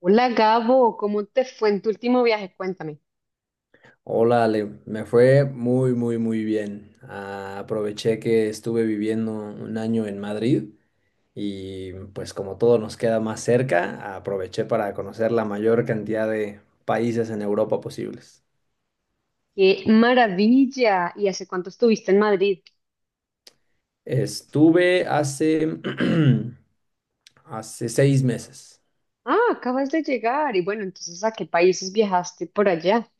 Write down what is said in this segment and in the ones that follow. Hola Gabo, ¿cómo te fue en tu último viaje? Cuéntame. Hola Ale, me fue muy, muy, muy bien. Ah, aproveché que estuve viviendo un año en Madrid y pues como todo nos queda más cerca, aproveché para conocer la mayor cantidad de países en Europa posibles. ¡Qué maravilla! ¿Y hace cuánto estuviste en Madrid? Estuve hace, hace 6 meses. Ah, acabas de llegar. Y bueno, entonces, ¿a qué países viajaste por allá?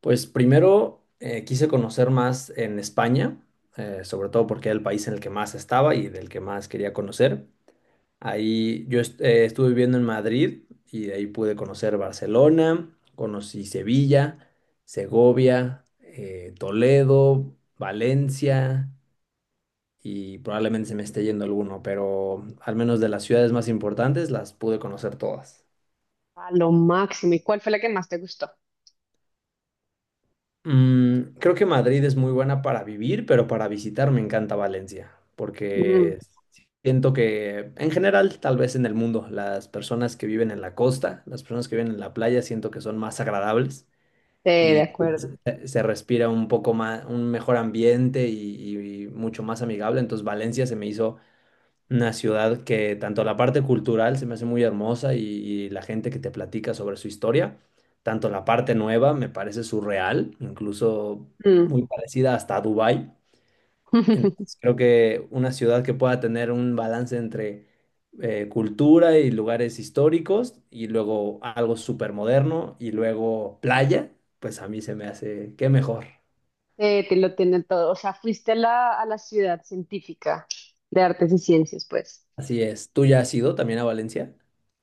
Pues primero quise conocer más en España, sobre todo porque era el país en el que más estaba y del que más quería conocer. Ahí yo estuve viviendo en Madrid y de ahí pude conocer Barcelona, conocí Sevilla, Segovia, Toledo, Valencia y probablemente se me esté yendo alguno, pero al menos de las ciudades más importantes las pude conocer todas. A lo máximo. ¿Y cuál fue la que más te gustó? Creo que Madrid es muy buena para vivir, pero para visitar me encanta Valencia, Mm, sí, porque siento que en general, tal vez en el mundo, las personas que viven en la costa, las personas que viven en la playa, siento que son más agradables de y acuerdo. se respira un poco más, un mejor ambiente y mucho más amigable. Entonces Valencia se me hizo una ciudad que tanto la parte cultural se me hace muy hermosa y la gente que te platica sobre su historia, tanto la parte nueva me parece surreal, incluso Mm. muy parecida hasta a Dubái. Entonces creo que una ciudad que pueda tener un balance entre cultura y lugares históricos y luego algo súper moderno y luego playa, pues a mí se me hace qué mejor. Te lo tiene todo. O sea, fuiste a la ciudad científica de artes y ciencias, pues. Así es. ¿Tú ya has ido también a Valencia?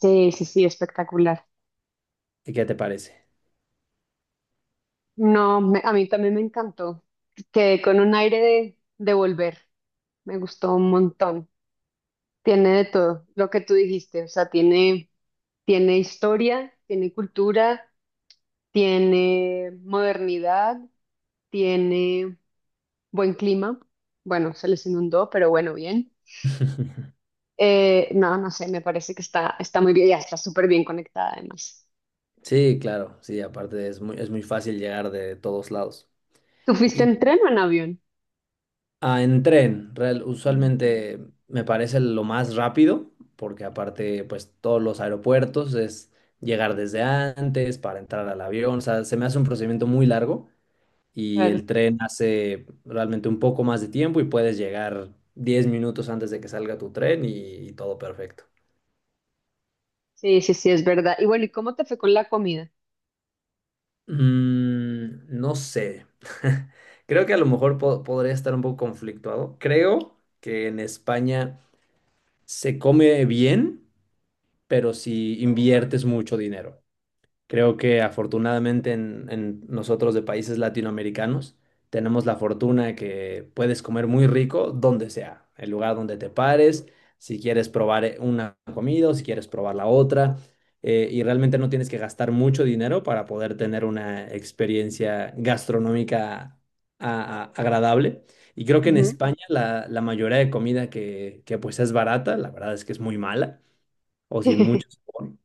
Sí, sí, sí, espectacular. ¿Y qué te parece? No, a mí también me encantó. Quedé con un aire de volver. Me gustó un montón. Tiene de todo lo que tú dijiste, o sea, tiene, tiene historia, tiene cultura, tiene modernidad, tiene buen clima. Bueno, se les inundó, pero bueno, bien. No, no sé, me parece que está, está muy bien, ya está súper bien conectada además. Sí, claro, sí, aparte es muy fácil llegar de todos lados. ¿Tú fuiste Y en tren o en avión? en tren, Mm. usualmente me parece lo más rápido, porque aparte, pues todos los aeropuertos es llegar desde antes para entrar al avión, o sea, se me hace un procedimiento muy largo y Claro. el tren hace realmente un poco más de tiempo y puedes llegar 10 minutos antes de que salga tu tren y todo perfecto. Sí, sí, sí, es verdad. Y bueno, ¿y cómo te fue con la comida? Mm, no sé. Creo que a lo mejor podría estar un poco conflictuado. Creo que en España se come bien, pero si inviertes mucho dinero. Creo que afortunadamente en, nosotros de países latinoamericanos tenemos la fortuna de que puedes comer muy rico donde sea, el lugar donde te pares, si quieres probar una comida o si quieres probar la otra, y realmente no tienes que gastar mucho dinero para poder tener una experiencia gastronómica agradable. Y creo que en Ujú. España la, mayoría de comida que pues es barata, la verdad es que es muy mala o sin mucho sabor.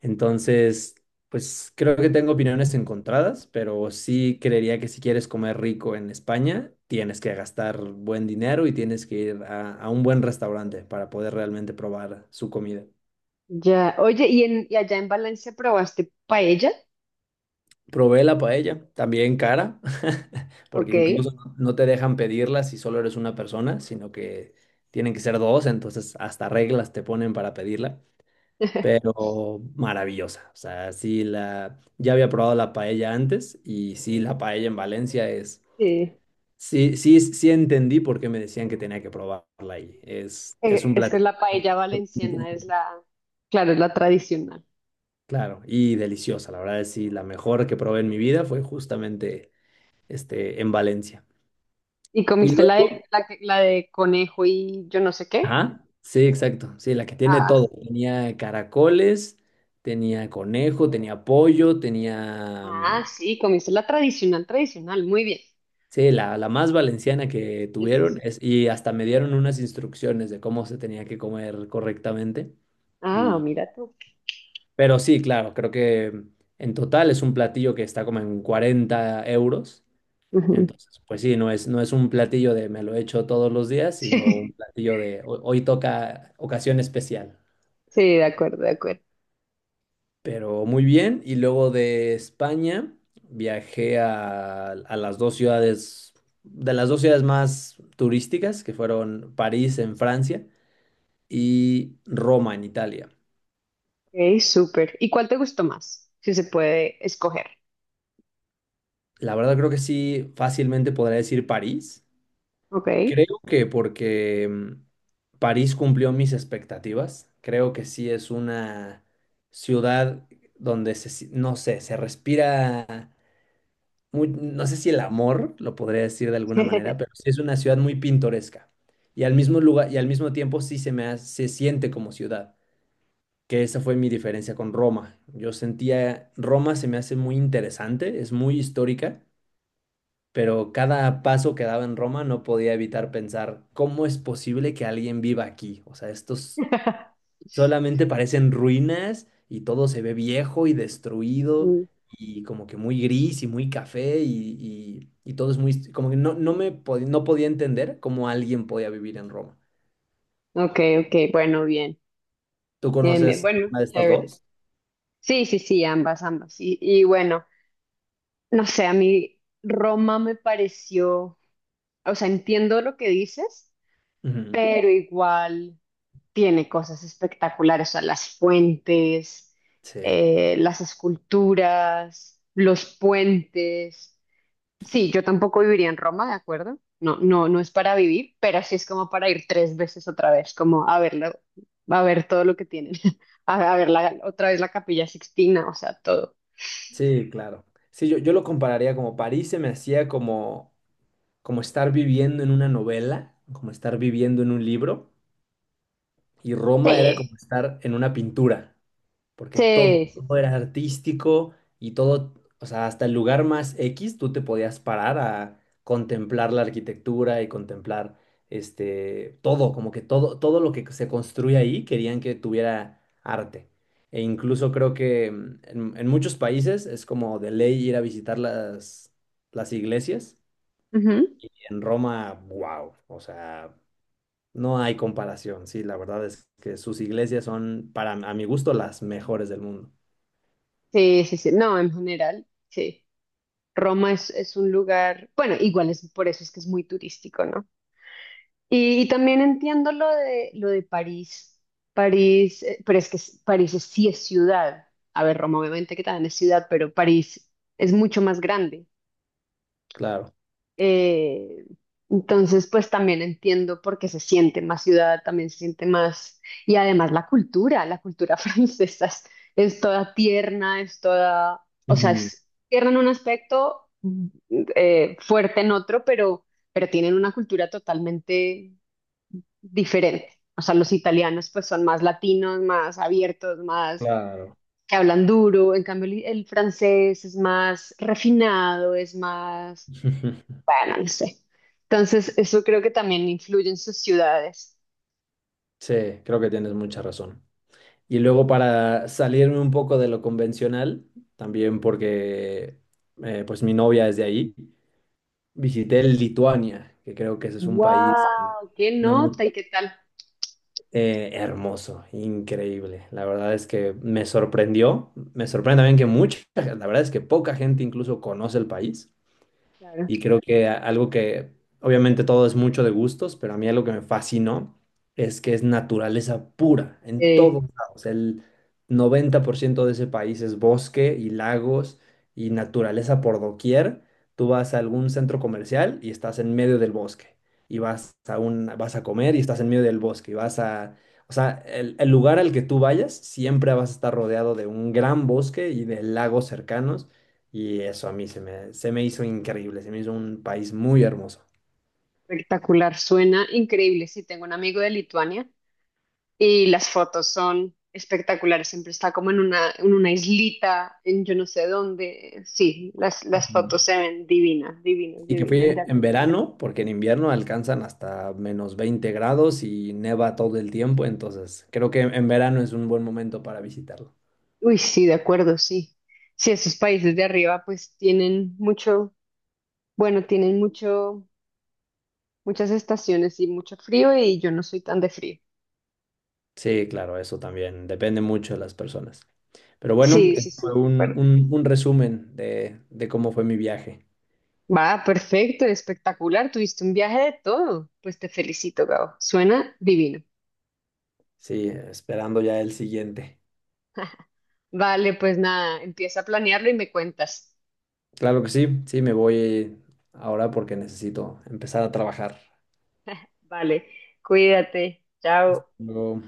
Entonces, pues creo que tengo opiniones encontradas, pero sí creería que si quieres comer rico en España, tienes que gastar buen dinero y tienes que ir a, un buen restaurante para poder realmente probar su comida. Ya, oye, ¿y, en, y allá en Valencia probaste paella? Probé la paella, también cara, porque Ok. incluso no te dejan pedirla si solo eres una persona, sino que tienen que ser dos, entonces hasta reglas te ponen para pedirla. Pero maravillosa. O sea, ya había probado la paella antes y sí, la paella en Valencia es, Sí. sí, sí, sí entendí por qué me decían que tenía que probarla ahí. Es un Es que platillo, la paella valenciana es la, claro, es la tradicional. claro, y deliciosa. La verdad es sí, la mejor que probé en mi vida fue justamente este, en Valencia. ¿Y Y comiste la de, luego, la, la de conejo y yo no sé qué? ajá, sí, exacto, sí, la que tiene Ah, todo. sí. Tenía caracoles, tenía conejo, tenía pollo, tenía. Ah, mm, sí, comiste la tradicional, tradicional. Muy bien. Sí, la, más valenciana que Sí, sí, tuvieron sí. es, y hasta me dieron unas instrucciones de cómo se tenía que comer correctamente. Ah, Y, mira tú. pero sí, claro, creo que en total es un platillo que está como en 40 euros. Ujú. Entonces, pues sí, no es, un platillo de me lo echo todos los días, sino un Sí, platillo de hoy toca ocasión especial. sí, de acuerdo, de acuerdo. Pero muy bien, y luego de España viajé a las dos ciudades, de las dos ciudades más turísticas, que fueron París en Francia y Roma en Italia. Ok, súper. ¿Y cuál te gustó más? Si se puede escoger. La verdad creo que sí, fácilmente podría decir París. Ok. Creo que porque París cumplió mis expectativas. Creo que sí es una ciudad donde se, no sé, se respira no sé si el amor, lo podría decir de alguna manera, pero sí es una ciudad muy pintoresca. Y al mismo lugar, y al mismo tiempo sí se siente como ciudad, que esa fue mi diferencia con Roma. Yo sentía, Roma se me hace muy interesante, es muy histórica, pero cada paso que daba en Roma no podía evitar pensar, ¿cómo es posible que alguien viva aquí? O sea, estos solamente parecen ruinas y todo se ve viejo y destruido Mm. y como que muy gris y muy café y todo es muy. Como que no, no podía entender cómo alguien podía vivir en Roma. Ok, ok, bueno, bien. ¿Tú Bien, bien. conoces Bueno, alguna de estas chévere. dos? Sí, sí, sí, ambas, ambas. Y bueno. No sé, a mí Roma me pareció, o sea, entiendo lo que dices, Ujú. pero igual tiene cosas espectaculares, o sea, las fuentes, Sí, las esculturas, los puentes. Sí, yo tampoco viviría en Roma, ¿de acuerdo? No, no, no es para vivir, pero sí es como para ir tres veces otra vez, como a verlo, a ver todo lo que tienen, a ver otra vez la Capilla Sixtina, o sea, todo. sí, claro. Sí, yo lo compararía como París se me hacía como, como estar viviendo en una novela, como estar viviendo en un libro y Roma era Sí, como estar en una pintura. Porque todo, sí, sí. todo Sí. era artístico y todo, o sea, hasta el lugar más X tú te podías parar a contemplar la arquitectura y contemplar este todo, como que todo, todo lo que se construye ahí querían que tuviera arte. E incluso creo que en, muchos países es como de ley ir a visitar las, iglesias. Ujú. Y en Roma, wow, o sea, no hay comparación. Sí, la verdad es que sus iglesias son, para, a mi gusto, las mejores del mundo. Sí, sí, sí. No, en general, sí. Roma es un lugar, bueno, igual es por eso es que es muy turístico, ¿no? Y también entiendo lo de París. París, pero es que París sí es ciudad. A ver, Roma obviamente que también es ciudad, pero París es mucho más grande. Claro. Eh, entonces, pues también entiendo por qué se siente más ciudad, también se siente más, y además la cultura francesa es toda tierna, es toda, o sea, Ujú. es tierna en un aspecto, mm, fuerte en otro, pero tienen una cultura totalmente diferente. O sea, los italianos pues son más latinos, más abiertos, más Claro. que hablan duro, en cambio el francés es más refinado, es más bueno, no sé. Entonces, eso creo que también influye en sus ciudades. Sí, creo que tienes mucha razón. Y luego para salirme un poco de lo convencional, también porque pues mi novia es de ahí, visité Lituania, que creo que ese es un país que ¡Wow! ¡Qué no muy nota y qué tal! Hermoso, increíble. La verdad es que me sorprendió, me sorprende también que mucha, la verdad es que poca gente incluso conoce el país. Claro. Y creo que algo que, obviamente todo es mucho de gustos, pero a mí algo que me fascinó es que es naturaleza pura en Eh, todos lados. El 90% de ese país es bosque y lagos y naturaleza por doquier. Tú vas a algún centro comercial y estás en medio del bosque. Y vas a comer y estás en medio del bosque. Y vas a, o sea, el lugar al que tú vayas siempre vas a estar rodeado de un gran bosque y de lagos cercanos. Y eso a mí se me hizo increíble, se me hizo un país muy hermoso. Espectacular, suena increíble. Sí, tengo un amigo de Lituania y las fotos son espectaculares. Siempre está como en una islita, en yo no sé dónde. Sí, las Ujú. fotos se ven divinas, divinas, Y que divinas, de fui en acuerdo. verano, porque en invierno alcanzan hasta -20 grados y neva todo el tiempo, entonces creo que en verano es un buen momento para visitarlo. Uy, sí, de acuerdo, sí. Sí, esos países de arriba pues tienen mucho, bueno, tienen mucho muchas estaciones y mucho frío y yo no soy tan de frío. Sí, claro, eso también depende mucho de las personas. Pero bueno, Sí, sí, este sí, fue de acuerdo. Un resumen de cómo fue mi viaje. Va, perfecto, espectacular. Tuviste un viaje de todo. Pues te felicito, Gabo. Suena divino. Sí, esperando ya el siguiente. Vale, pues nada, empieza a planearlo y me cuentas. Claro que sí, sí, me voy ahora porque necesito empezar a trabajar. Vale, cuídate. Chao. Luego